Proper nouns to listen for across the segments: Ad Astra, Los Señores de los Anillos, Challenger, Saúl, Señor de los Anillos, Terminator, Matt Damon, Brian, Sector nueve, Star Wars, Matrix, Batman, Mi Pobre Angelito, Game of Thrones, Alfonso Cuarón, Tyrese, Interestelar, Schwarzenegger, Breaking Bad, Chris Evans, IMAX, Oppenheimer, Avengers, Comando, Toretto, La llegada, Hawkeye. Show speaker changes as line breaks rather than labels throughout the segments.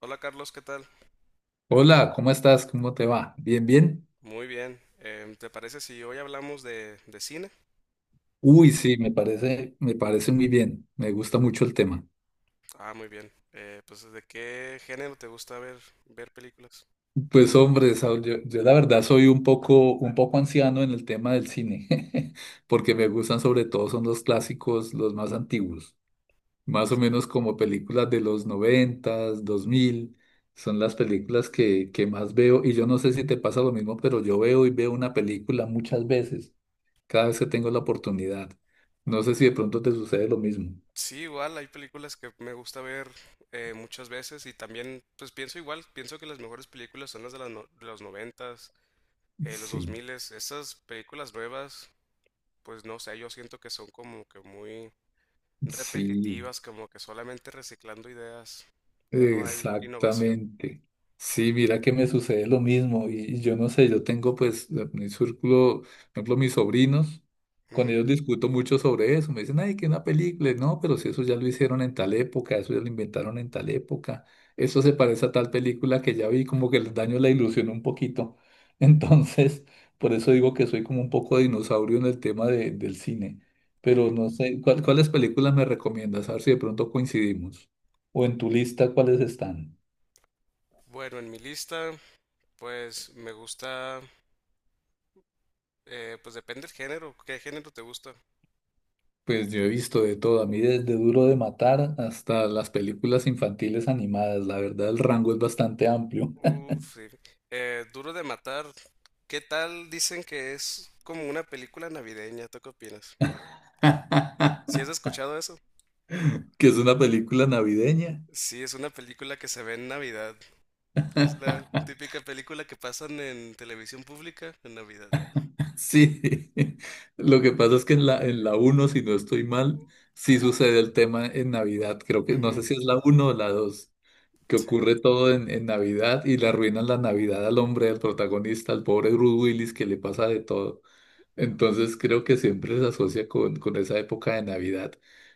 Hola Carlos, ¿qué tal?
Hola, ¿cómo estás? ¿Cómo te va? ¿Bien, bien?
Muy bien. ¿Te parece si hoy hablamos de cine?
Uy, sí, me parece muy bien. Me gusta mucho el tema.
Ah, muy bien. Pues ¿de qué género te gusta ver películas?
Pues hombre, Saúl, yo la verdad soy un poco anciano en el tema del cine, porque me gustan sobre todo son los clásicos, los más antiguos, más o menos como películas de los noventas, dos mil, son las películas que más veo. Y yo no sé si te pasa lo mismo, pero yo veo y veo una película muchas veces, cada vez que tengo la oportunidad. No sé si de pronto te sucede lo mismo.
Sí, igual hay películas que me gusta ver muchas veces y también pues pienso igual, pienso que las mejores películas son las de, las no- de los noventas, los dos
Sí,
miles. Esas películas nuevas, pues no sé, yo siento que son como que muy
sí.
repetitivas, como que solamente reciclando ideas, ya no hay innovación.
Exactamente. Sí, mira que me sucede lo mismo y yo no sé, yo tengo pues mi círculo, por ejemplo, mis sobrinos, con
Ujú,
ellos discuto mucho sobre eso, me dicen, ay, que una película, no, pero si eso ya lo hicieron en tal época, eso ya lo inventaron en tal época, eso se parece a tal película que ya vi, como que les daño la ilusión un poquito. Entonces, por eso digo que soy como un poco dinosaurio en el tema del cine, pero
ujú.
no sé, ¿cuáles películas me recomiendas? A ver si de pronto coincidimos o en tu lista, ¿cuáles están?
Bueno, en mi lista. Pues me gusta, pues depende del género. ¿Qué género te gusta?
Pues yo he visto de todo, a mí desde Duro de Matar hasta las películas infantiles animadas. La verdad, el rango es bastante amplio.
Uf, sí. Duro de Matar, ¿qué tal? Dicen que es como una película navideña, ¿tú qué opinas? ¿Si has escuchado eso?
Que es una película navideña.
Sí, es una película que se ve en Navidad. Es la típica película que pasan en televisión pública en Navidad.
Sí, lo que pasa es que en la uno si no estoy mal, sí sucede el tema en Navidad. Creo que no sé
Ujú.
si es la uno o la 2 que
Sí.
ocurre todo en Navidad y le arruinan la Navidad al hombre, al protagonista, al pobre Bruce Willis, que le pasa de todo. Entonces creo que siempre se asocia con esa época de Navidad.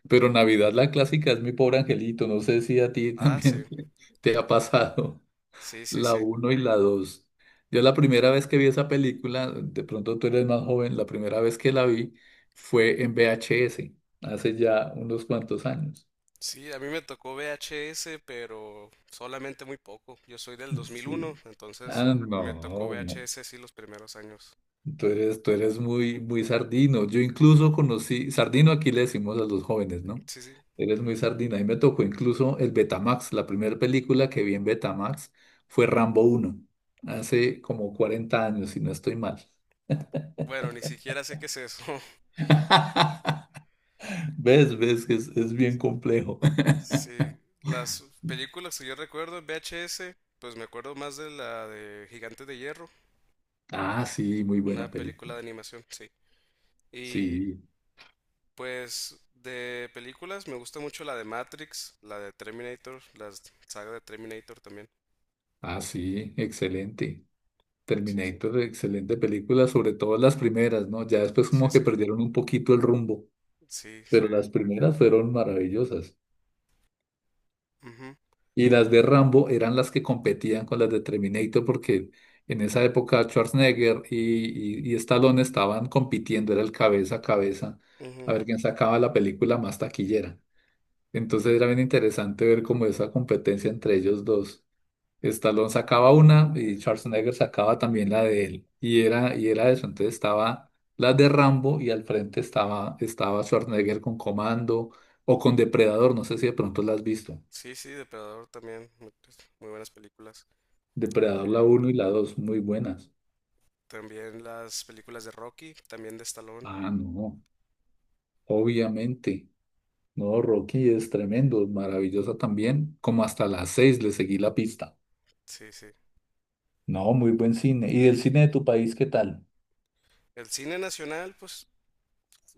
Pero Navidad la clásica es Mi Pobre Angelito. No sé si a ti
Ah,
también
sí.
te ha pasado
Sí, sí,
la
sí.
uno y la 2. Yo la primera vez que vi esa película, de pronto tú eres más joven, la primera vez que la vi fue en VHS, hace ya unos cuantos años.
Sí, a mí me tocó VHS, pero solamente muy poco. Yo soy del 2001,
Sí. Ah,
entonces
no,
me tocó
no.
VHS sí los primeros años.
Tú eres muy, muy sardino. Yo incluso conocí, sardino aquí le decimos a los jóvenes, ¿no?
Sí, sí.
Eres muy sardina. Y me tocó incluso el Betamax. La primera película que vi en Betamax fue Rambo uno hace como 40 años, si no estoy mal.
Bueno, ni siquiera sé qué es eso.
¿Ves? ¿Ves que es bien complejo?
Sí, las películas que yo recuerdo en VHS, pues me acuerdo más de la de Gigantes de Hierro,
Ah, sí, muy
una
buena
película
película.
de animación, sí. Y
Sí,
pues de películas me gusta mucho la de Matrix, la de Terminator, la saga de Terminator también.
ah, sí, excelente.
Sí, sí,
Terminator, excelente película, sobre todo las primeras, ¿no? Ya después
sí,
como que
sí,
perdieron un poquito el rumbo.
sí,
Pero las primeras fueron maravillosas.
ujú,
Y las de Rambo eran las que competían con las de Terminator porque en esa época Schwarzenegger y Stallone estaban compitiendo, era el cabeza a cabeza, a
ujú.
ver quién sacaba la película más taquillera. Entonces era bien interesante ver como esa competencia entre ellos dos. Stallone sacaba una y Schwarzenegger sacaba también la de él. Y era eso. Entonces estaba la de Rambo y al frente estaba Schwarzenegger con Comando o con Depredador. No sé si de pronto la has visto.
Sí, sí, Depredador también, muy, muy buenas películas.
Depredador la
Eh,
uno y la 2 muy buenas.
También las películas de Rocky, también de Stallone.
Ah, no, obviamente. No, Rocky es tremendo, maravillosa también. Como hasta las 6 le seguí la pista.
Sí, sí.
No, muy buen cine. ¿Y el cine de tu país qué tal?
El cine nacional, pues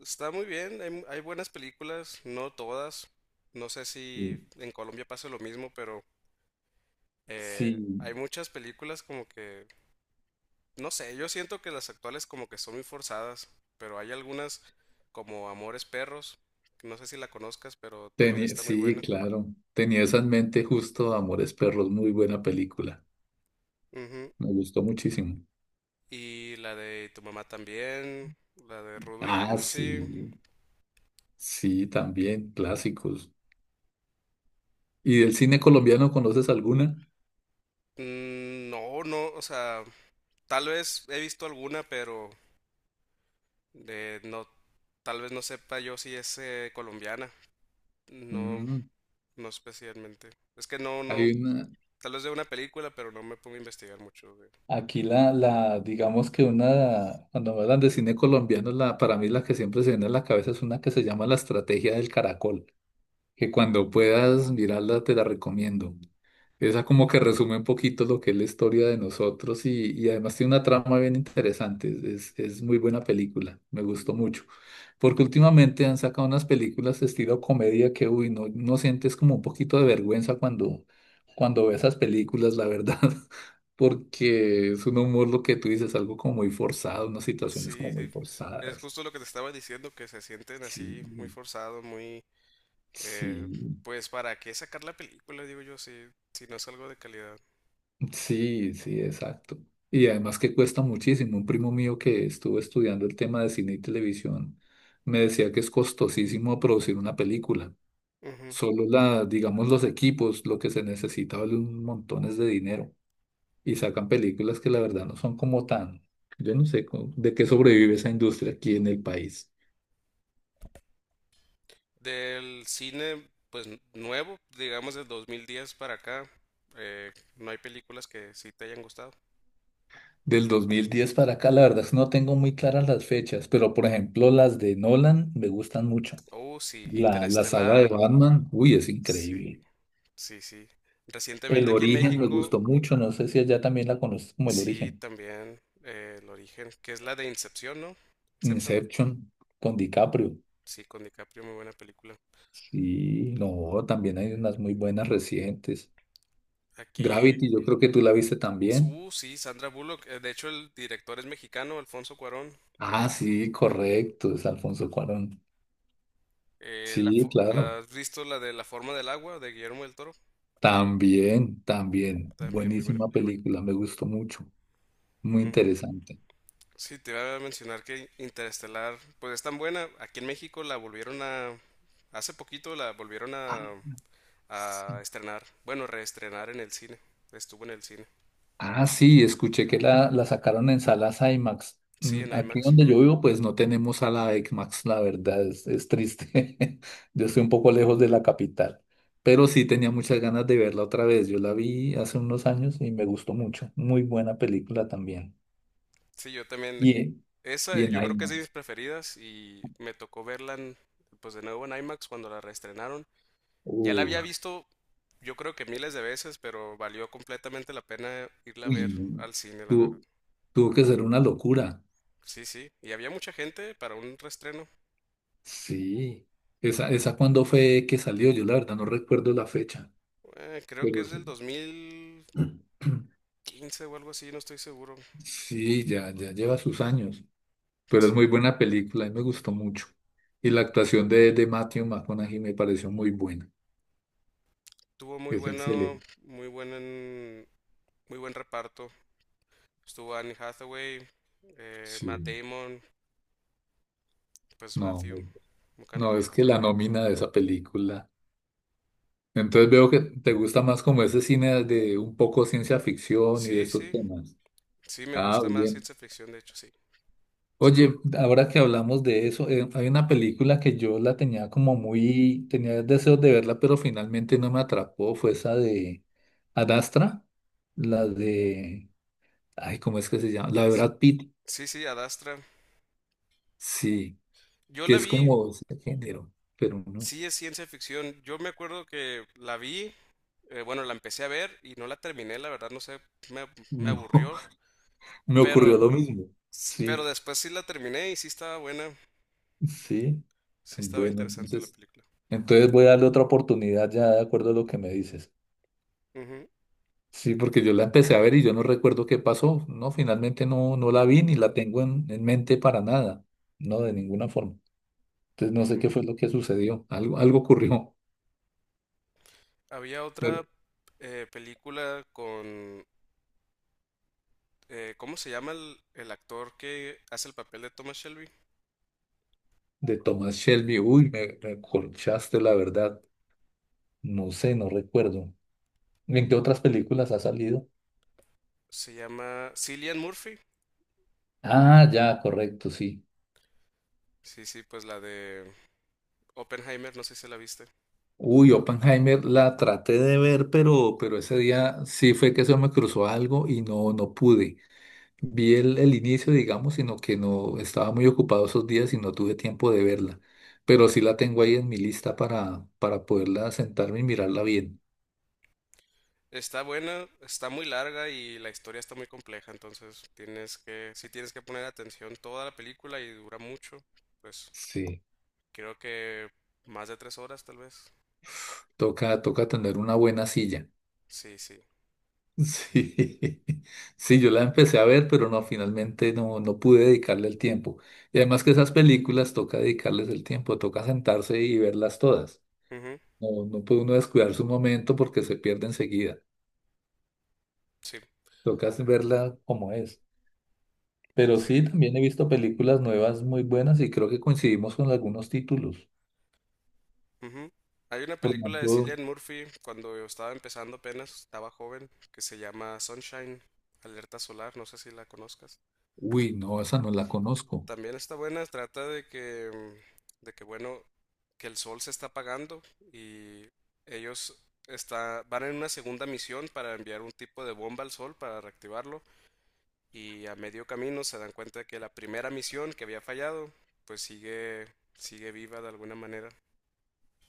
está muy bien, hay, hay buenas películas, no todas. No sé si
Sí.
en Colombia pasa lo mismo, pero
Sí.
hay muchas películas como que, no sé, yo siento que las actuales como que son muy forzadas, pero hay algunas como Amores Perros, que no sé si la conozcas, pero también está muy
Sí,
buena.
claro. Tenía esa en mente justo Amores Perros, muy buena película. Me gustó muchísimo.
Y la de tu mamá también, la de Rudo y
Ah,
Cursi.
sí, sí, también, clásicos. ¿Y del cine colombiano conoces alguna?
Mm, no, no, o sea, tal vez he visto alguna, pero de no, tal vez no sepa yo si es colombiana. No,
Mm,
no especialmente. Es que no, no,
hay una,
tal vez de una película, pero no me pongo a investigar mucho.
aquí digamos que una, cuando hablan de cine colombiano, la, para mí la que siempre se viene a la cabeza es una que se llama La Estrategia del Caracol, que cuando puedas mirarla te la recomiendo. Esa como que resume un poquito lo que es la historia de nosotros y además tiene una trama bien interesante. Es muy buena película, me gustó mucho. Porque últimamente han sacado unas películas estilo comedia que, uy, no, no sientes como un poquito de vergüenza cuando ves esas películas, la verdad. Porque es un humor lo que tú dices, algo como muy forzado, unas situaciones como
Sí,
muy
sí. Es
forzadas.
justo lo que te estaba diciendo, que se sienten
Sí,
así, muy forzado, muy... eh,
sí.
pues, ¿para qué sacar la película? Digo yo, si no es algo de calidad.
Sí, sí, exacto. Y además que cuesta muchísimo. Un primo mío que estuvo estudiando el tema de cine y televisión me decía que es costosísimo producir una película.
Ujú.
Solo la, digamos, los equipos, lo que se necesita vale un montones de dinero. Y sacan películas que la verdad no son como tan, yo no sé de qué sobrevive esa industria aquí en el país.
Del cine, pues nuevo, digamos del 2010 para acá, no hay películas que sí te hayan gustado.
Del 2010 para acá, la verdad es que no tengo muy claras las fechas, pero por ejemplo las de Nolan me gustan mucho.
Oh, sí,
La saga de
Interestelar,
Batman, uy, es
sí,
increíble.
sí, sí.
El
Recientemente aquí en
origen me
México,
gustó mucho, no sé si allá también la conoces como el
sí,
origen.
también El Origen, que es la de Incepción, ¿no? Inception,
Inception con DiCaprio.
sí, con DiCaprio, muy buena película.
Sí, no, también hay unas muy buenas recientes.
Aquí,
Gravity, yo creo que tú la viste también.
sí, Sandra Bullock, de hecho el director es mexicano, Alfonso Cuarón.
Ah, sí, correcto, es Alfonso Cuarón. Sí, claro.
¿Has visto la de La forma del agua de Guillermo del Toro?
También, también.
También muy buena
Buenísima
película.
película, me gustó mucho. Muy
Ujú.
interesante.
Sí, te iba a mencionar que Interestelar, pues es tan buena. Aquí en México la volvieron a... Hace poquito la volvieron
Ah,
a
sí.
estrenar. Bueno, reestrenar en el cine. Estuvo en el cine.
Ah, sí, escuché que la sacaron en salas IMAX.
Sí, en
Aquí
IMAX.
donde yo vivo, pues no tenemos sala IMAX, la verdad, es triste. Yo estoy un poco lejos de la capital, pero sí tenía muchas ganas de verla otra vez. Yo la vi hace unos años y me gustó mucho. Muy buena película también.
Sí, yo también.
Y, en-
Esa
y en
yo creo que es de mis
IMAX.
preferidas y me tocó verla en- pues de nuevo en IMAX cuando la reestrenaron. Ya la había
Uh,
visto yo creo que miles de veces, pero valió completamente la pena irla a ver
Uy,
al cine, la verdad.
tuvo, tuvo que ser una locura.
Sí, sí. Y había mucha gente para un reestreno.
Sí. ¿Esa cuándo fue que salió? Yo la verdad no recuerdo la fecha,
Creo que
pero
es del
sí.
2015 o algo así, no estoy seguro.
Sí, ya, ya lleva sus años, pero es
Sí.
muy buena película, a mí me gustó mucho. Y la actuación de Matthew McConaughey me pareció muy buena,
Tuvo muy
es
bueno,
excelente.
muy buen, en- Muy buen reparto. Estuvo Anne Hathaway, Matt
Sí,
Damon, pues
no,
Matthew
no,
McConaughey.
es que la nómina de esa película. Entonces veo que te gusta más como ese cine de un poco ciencia ficción y de
Sí,
esos
sí,
temas.
sí, me
Ah,
gusta más
bien.
ciencia ficción, de hecho, sí. Es
Oye,
correcto.
ahora que hablamos de eso, hay una película que yo la tenía como muy, tenía deseos de verla, pero finalmente no me atrapó, fue esa de Adastra, la de, ay, ¿cómo es que se llama? La de
Sí,
Brad Pitt,
sí, sí, Ad Astra.
sí,
Yo
que
la
es
vi,
como ese género, pero no,
sí es ciencia ficción. Yo me acuerdo que la vi, bueno, la empecé a ver y no la terminé, la verdad, no sé, me, me
no,
aburrió.
me ocurrió
Pero
lo mismo,
Pero
sí,
después sí la terminé y sí estaba buena.
sí,
Sí estaba
bueno,
interesante la
entonces,
película.
entonces voy a darle otra oportunidad ya de acuerdo a lo que me dices.
Ujú,
Sí, porque yo la empecé a ver y yo no recuerdo qué pasó. No, finalmente no, no la vi ni la tengo en mente para nada. No, de ninguna forma. Entonces no sé
ujú.
qué fue lo que sucedió. Algo, algo ocurrió
Había
de,
otra película con... ¿Cómo se llama el actor que hace el papel de Thomas Shelby?
de Thomas Shelby. Uy, me colchaste la verdad. No sé, no recuerdo. ¿En qué otras películas ha salido?
Se llama Cillian Murphy.
Ah, ya, correcto, sí.
Sí, sí, pues la de Oppenheimer, no sé si la viste.
Uy, Oppenheimer la traté de ver, pero ese día sí fue que se me cruzó algo y no, no pude. Vi el inicio, digamos, sino que no estaba muy ocupado esos días y no tuve tiempo de verla. Pero sí la tengo ahí en mi lista para poderla sentarme y mirarla bien.
Está buena, está muy larga y la historia está muy compleja, entonces tienes que, si tienes que poner atención toda la película y dura mucho, pues
Sí.
creo que más de tres horas tal vez.
Toca, toca tener una buena silla.
Sí, sí.
Sí, sí, yo la empecé a ver, pero no, finalmente no, no pude dedicarle el tiempo. Y además que esas películas toca dedicarles el tiempo, toca sentarse y verlas todas.
Ujú.
No, no puede uno descuidar su momento porque se pierde enseguida.
Sí.
Toca verla como es. Pero
Sí.
sí, también he visto películas nuevas muy buenas y creo que coincidimos con algunos títulos.
Ujú. Hay una
Por
película de
ejemplo,
Cillian Murphy cuando yo estaba empezando apenas, estaba joven, que se llama Sunshine, Alerta Solar, no sé si la conozcas.
uy, no, esa no la conozco.
También está buena, trata de que, mm, de que bueno, que el sol se está apagando y ellos van en una segunda misión para enviar un tipo de bomba al sol para reactivarlo y a medio camino se dan cuenta de que la primera misión que había fallado, pues sigue viva de alguna manera.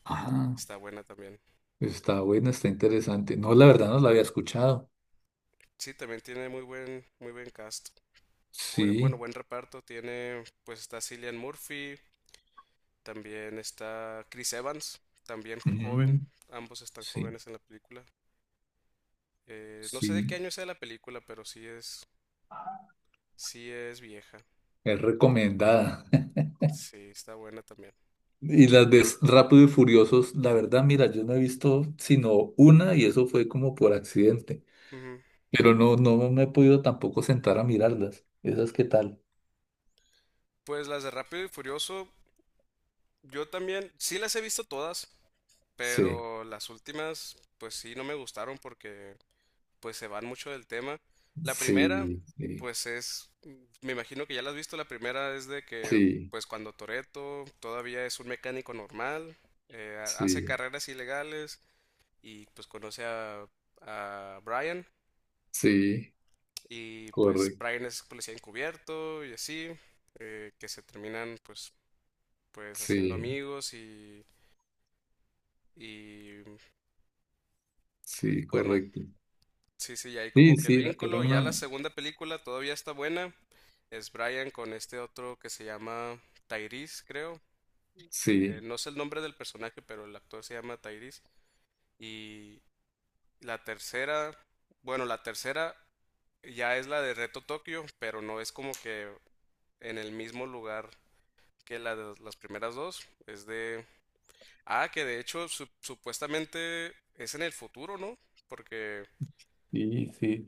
Ah,
Está buena también.
está buena, está interesante. No, la verdad no la había escuchado.
Sí, también tiene muy buen cast. Bueno, bueno,
Sí,
buen reparto. Tiene, pues está Cillian Murphy, también está Chris Evans, también joven.
mm,
Ambos están
sí,
jóvenes en la película. No sé de
sí,
qué año sea la película, pero sí es vieja.
es recomendada.
Sí, está buena también.
Y las de Rápido y Furiosos, la verdad, mira, yo no he visto sino una y eso fue como por accidente.
Ujú.
Pero no, no me he podido tampoco sentar a mirarlas. ¿Esas qué tal?
Pues las de Rápido y Furioso, yo también, sí las he visto todas,
Sí,
pero las últimas, pues sí, no me gustaron porque pues se van mucho del tema. La
sí,
primera,
sí.
pues es, me imagino que ya la has visto, la primera es de que,
Sí,
pues cuando Toretto todavía es un mecánico normal, hace
sí,
carreras ilegales y pues a Brian
sí,
y pues
correcto,
Brian es policía encubierto y así, que se terminan pues, pues haciendo
sí,
amigos y
sí,
bueno.
correcto.
Sí, sí, y ahí
Sí,
como que el
sí, era
vínculo. Ya la
una,
segunda película todavía está buena. Es Brian con este otro que se llama Tyrese, creo.
sí,
No sé el nombre del personaje, pero el actor se llama Tyrese. Y la tercera, bueno, la tercera ya es la de Reto Tokio, pero no es como que en el mismo lugar que la de las primeras dos. Es de... Ah, que de hecho supuestamente es en el futuro, ¿no? Porque
sí, sí.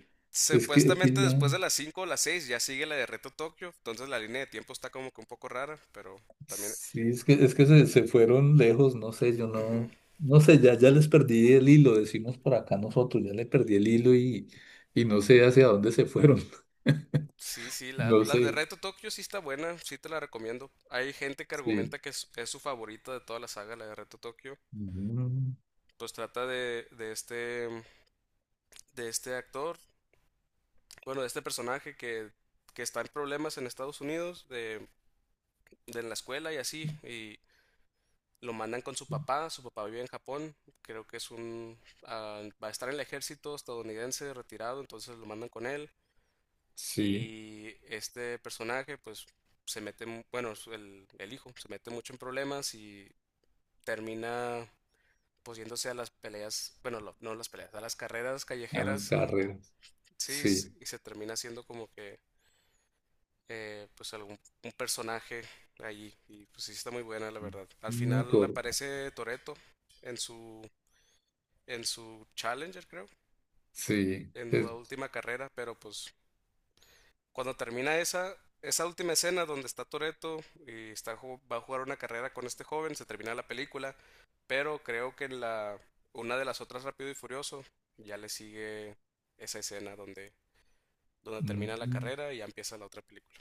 Es que
supuestamente después de las 5 o las 6 ya sigue la de Reto Tokio, entonces la línea de tiempo está como que un poco rara, pero también...
sí, es que se fueron lejos, no sé, yo
Ujú.
no, no sé, ya, ya les perdí el hilo, decimos por acá nosotros, ya le perdí el hilo y no sé hacia dónde se fueron,
Sí, sí,
no
la de
sé,
Reto Tokio sí está buena, sí te la recomiendo. Hay gente que
sí,
argumenta que es su favorita de toda la saga, la de Reto Tokio.
Mm,
Pues trata de este actor, bueno, de este personaje que está en problemas en Estados Unidos, de en la escuela y así, y, lo mandan con su papá vive en Japón, creo que es un... ah, va a estar en el ejército estadounidense retirado, entonces lo mandan con él.
sí,
Y este personaje pues se mete, bueno, el hijo se mete mucho en problemas y termina pues yéndose a las peleas, bueno, no las peleas, a las carreras
a las
callejeras
carreras, sí,
y se termina siendo como que pues algún un personaje allí y pues sí está muy buena la verdad. Al
Mm,
final aparece Toreto en su en su Challenger, creo,
sí,
en la última carrera, pero pues cuando termina esa última escena donde está Toreto y está, va a jugar una carrera con este joven, se termina la película, pero creo que en una de las otras Rápido y Furioso ya le sigue esa escena donde, donde termina la
mm.
carrera y ya empieza la otra película.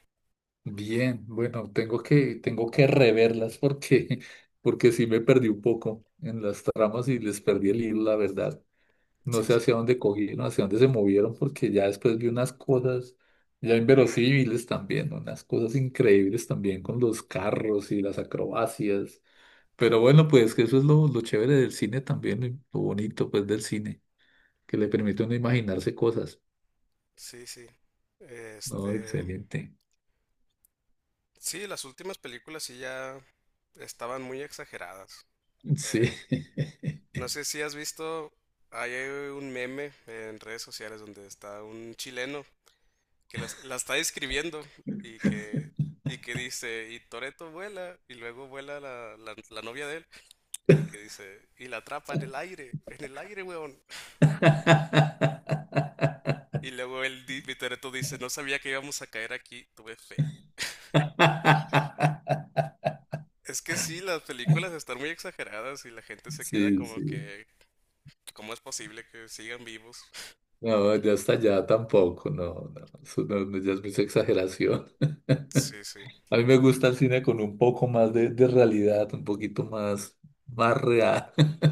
Bien, bueno, tengo que reverlas porque, porque sí me perdí un poco en las tramas y les perdí el hilo, la verdad. No
Sí,
sé
sí,
hacia dónde cogieron, hacia dónde se movieron, porque ya después vi unas cosas ya inverosímiles también, unas cosas increíbles también con los carros y las acrobacias. Pero bueno, pues que eso es lo, chévere del cine también, y lo bonito pues del cine, que le permite a uno imaginarse cosas.
sí, sí.
No,
Este,
excelente.
sí, las últimas películas sí ya estaban muy exageradas.
Sí.
Eh, No sé si has visto, hay un meme en redes sociales donde está un chileno que está describiendo y que, y que dice, y Toreto vuela, y luego vuela la novia de él, y que dice, y la atrapa en el aire, weón. Y luego y Toretto dice, no sabía que íbamos a caer aquí, tuve fe. Es que sí, las películas están muy exageradas y la gente se queda
Sí,
como
sí.
que, ¿cómo es posible que sigan vivos?
No, ya hasta allá tampoco, no, no, eso no, ya es mucha exageración.
Sí, sí,
A mí me gusta el cine con un poco más de realidad, un poquito más, más real.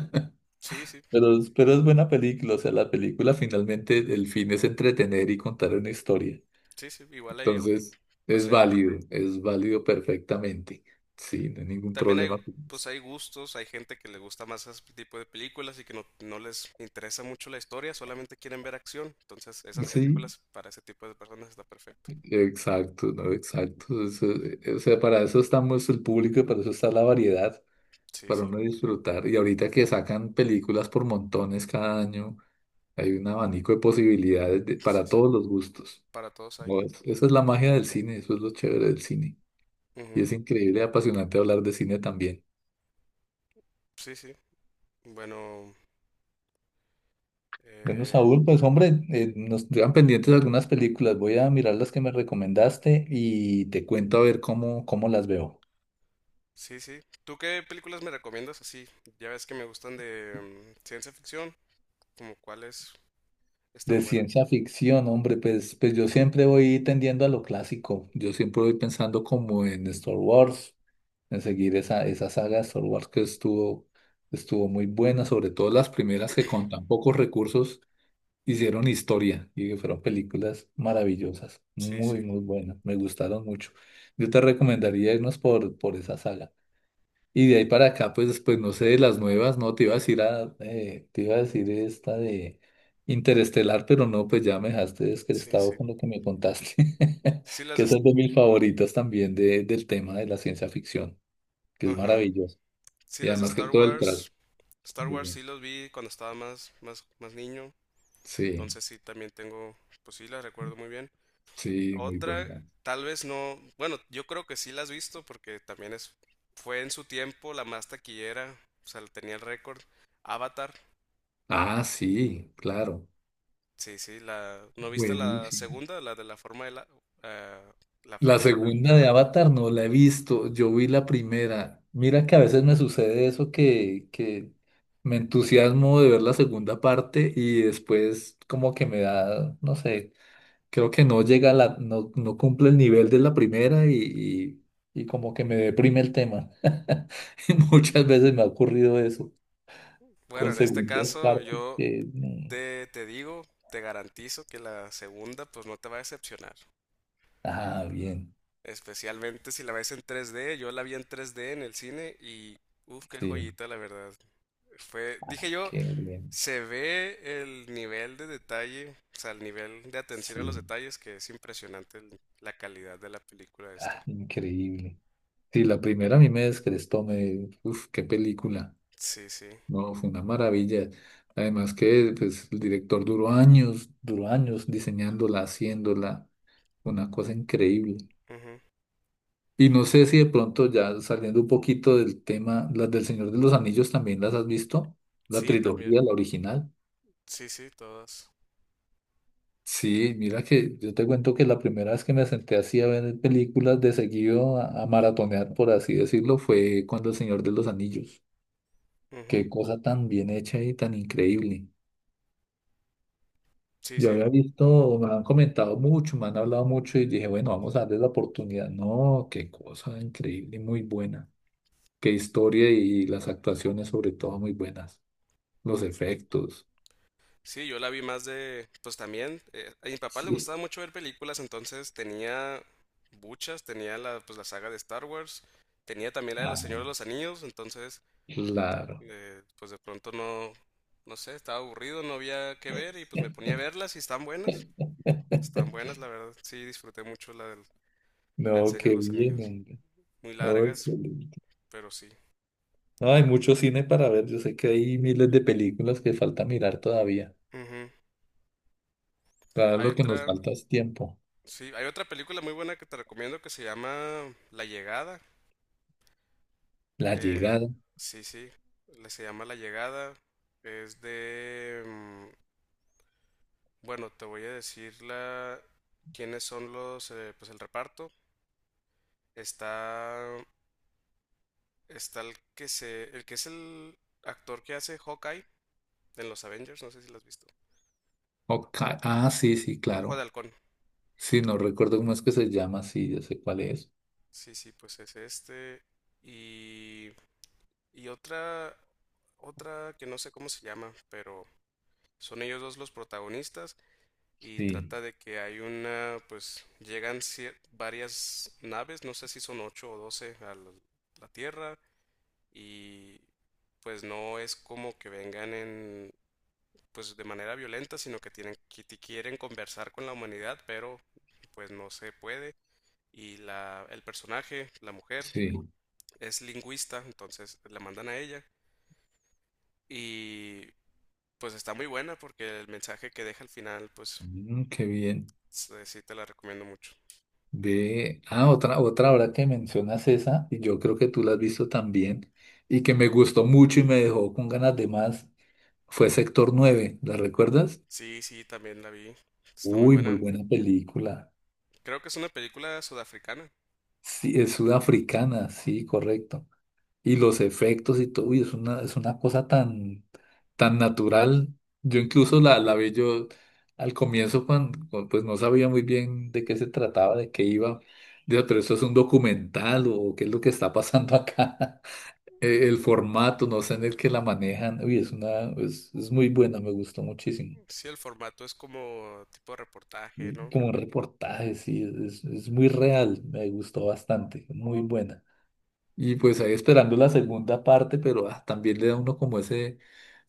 sí, sí,
Pero, pero es buena película, o sea, la película finalmente el fin es entretener y contar una historia.
sí, sí, igual ahí,
Entonces,
pues en...
es válido perfectamente. Sí, no hay ningún
También hay,
problema con eso.
pues hay gustos, hay gente que le gusta más ese tipo de películas y que no, no les interesa mucho la historia, solamente quieren ver acción. Entonces, esas
Sí.
películas para ese tipo de personas está perfecto.
Exacto, no, exacto. O sea, para eso estamos el público y para eso está la variedad,
Sí,
para uno
sí,
disfrutar. Y ahorita que sacan películas por montones cada año, hay un abanico de posibilidades
sí,
para
sí,
todos los gustos.
para todos hay.
No, esa es la magia del cine, eso es lo chévere del cine. Y
Ujú.
es increíble y apasionante hablar de cine también.
Sí, sí. Bueno,
Bueno,
eh,
Saúl, pues hombre, nos quedan pendientes algunas películas. Voy a mirar las que me recomendaste y te cuento a ver cómo, cómo las veo.
sí, sí. ¿Tú qué películas me recomiendas? Así, ya ves que me gustan de mm, ciencia ficción, como cuáles
De
están buenas.
ciencia ficción, hombre, pues yo siempre voy tendiendo a lo clásico. Yo siempre voy pensando como en Star Wars, en seguir esa, esa saga de Star Wars que estuvo, estuvo muy buena, sobre todo las primeras que con tan pocos recursos hicieron historia y que fueron películas maravillosas,
Sí, sí,
muy, muy buenas, me gustaron mucho. Yo te recomendaría irnos por esa saga. Y de ahí para acá, pues después, no sé, de las nuevas, no, te iba a decir a, te iba a decir esta de Interestelar, pero no, pues ya me dejaste
sí, sí.
descrestado con lo que me contaste,
Sí, las
que
de...
esa
S-
es de mis favoritas también de, del tema de la ciencia ficción, que es
Ajá.
maravilloso.
Sí,
Y
las de
además que
Star
todo el
Wars.
tras.
Star
Muy
Wars
bueno.
sí los vi cuando estaba más, más, más niño,
Sí,
entonces sí también tengo, pues sí las recuerdo muy bien.
sí, muy
Otra,
buena.
tal vez no, bueno, yo creo que sí las has visto porque también fue en su tiempo la más taquillera, o sea, tenía el récord. Avatar,
Ah, sí, claro,
sí, sí, ¿no viste la
buenísimo.
segunda, eh, la
La
forma del agua?
segunda de Avatar no la he visto, yo vi la primera. Mira que a veces me sucede eso que me entusiasmo de ver la segunda parte y después como que me da, no sé, creo que no llega a la, no, no cumple el nivel de la primera y como que me deprime el tema. Y muchas veces me ha ocurrido eso
Bueno,
con
en este
segundas
caso
partes
yo te digo, te garantizo que la segunda pues no te va a decepcionar.
Ah, bien,
Especialmente si la ves en 3D, yo la vi en 3D en el cine y uff, qué
sí,
joyita la verdad. Fue, dije yo,
qué bien,
se ve el nivel de detalle, o sea, el nivel de atención a los
sí,
detalles que es impresionante la calidad de la película esta.
ah, increíble. Sí, la primera a mí me descrestó, me, uf, qué película.
Sí, sí.
No, fue una maravilla. Además que pues, el director duró años diseñándola, haciéndola, una cosa increíble.
Ujú.
Y no sé si de pronto ya saliendo un poquito del tema, las del Señor de los Anillos también las has visto, la
Sí, también.
trilogía, la original.
Sí, sí, todas.
Sí, mira que yo te cuento que la primera vez que me senté así a ver películas de seguido, a maratonear, por así decirlo, fue cuando El Señor de los Anillos.
Ujú.
Qué cosa tan bien hecha y tan increíble.
Sí,
Yo
sí.
había visto, me han comentado mucho, me han hablado mucho y dije, bueno, vamos a darle la oportunidad. No, qué cosa increíble, muy buena. Qué historia y las actuaciones sobre todo muy buenas. Los efectos.
Sí, yo la vi más de, pues también, a mi papá le
Sí.
gustaba mucho ver películas, entonces tenía muchas, tenía pues la saga de Star Wars, tenía también la de Los
Ah,
Señores de los Anillos, entonces,
claro.
pues de pronto no, no sé, estaba aburrido, no había que ver y pues me ponía a verlas y están buenas, la verdad, sí, disfruté mucho la del
No,
Señor de
qué
los
bien,
Anillos,
hombre.
muy
No,
largas,
excelente.
pero sí.
No, hay mucho cine para ver. Yo sé que hay miles de películas que falta mirar todavía.
Ujú.
Claro,
Hay
lo que nos
otra,
falta es tiempo.
sí, hay otra película muy buena que te recomiendo que se llama La Llegada.
La
Eh,
llegada.
sí, sí, se llama La Llegada. Es de... mm, bueno, te voy a decir la... quiénes son los... pues el reparto. Está... El que es el actor que hace Hawkeye en los Avengers, no sé si lo has visto.
Hawkeye. Ah, sí, sí,
Ojo de
claro.
Halcón.
Sí, no recuerdo cómo es que se llama, sí, ya sé cuál es.
Sí, sí, pues es este. Y... Y otra... Otra que no sé cómo se llama, pero son ellos dos los protagonistas. Y
Sí,
trata de que hay una, pues llegan varias naves, no sé si son 8 o 12 a la, la Tierra y pues no es como que vengan en, pues de manera violenta, sino que tienen, que quieren conversar con la humanidad, pero pues no se puede. Y el personaje, la mujer,
sí.
es lingüista, entonces la mandan a ella y pues está muy buena porque el mensaje que deja al final, pues
Mm, qué bien.
sí te la recomiendo mucho.
Ve, ah, otra, otra ahora que mencionas esa, y yo creo que tú la has visto también, y que me gustó mucho y me dejó con ganas de más, fue Sector 9, ¿la recuerdas?
Sí, sí, también la vi. Está muy
Uy, muy
buena.
buena película.
Creo que es una película sudafricana.
Sí, es sudafricana, sí, correcto. Y los efectos y todo, uy, es una cosa tan, tan natural. Yo incluso la vi yo al comienzo cuando, pues no sabía muy bien de qué se trataba, de qué iba. Digo, pero esto es un documental o qué es lo que está pasando acá. El formato, no sé en el que la manejan. Uy, es una, es muy buena, me gustó muchísimo.
Sí, el formato es como tipo de reportaje,
Y
¿no?
como reportaje, sí, es muy real, me gustó bastante, muy buena. Y pues ahí esperando la segunda parte, pero ah, también le da uno como ese,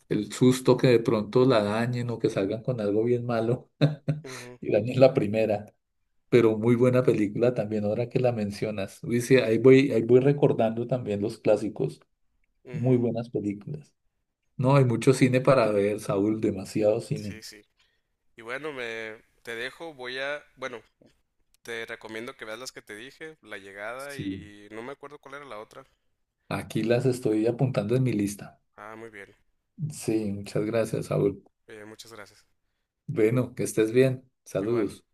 el susto que de pronto la dañen o que salgan con algo bien malo
Ujú,
y dañen la primera. Pero muy buena película también, ahora que la mencionas. Dice, ahí voy recordando también los clásicos. Muy
ujú.
buenas películas. No, hay mucho cine para ver, Saúl, demasiado
Sí,
cine.
sí. Y bueno, me te dejo, voy a, bueno, te recomiendo que veas las que te dije, La Llegada
Sí.
y no me acuerdo cuál era la otra.
Aquí las estoy apuntando en mi lista.
Ah, muy bien.
Sí, muchas gracias, Saúl.
Muchas gracias.
Bueno, que estés bien.
Igual.
Saludos.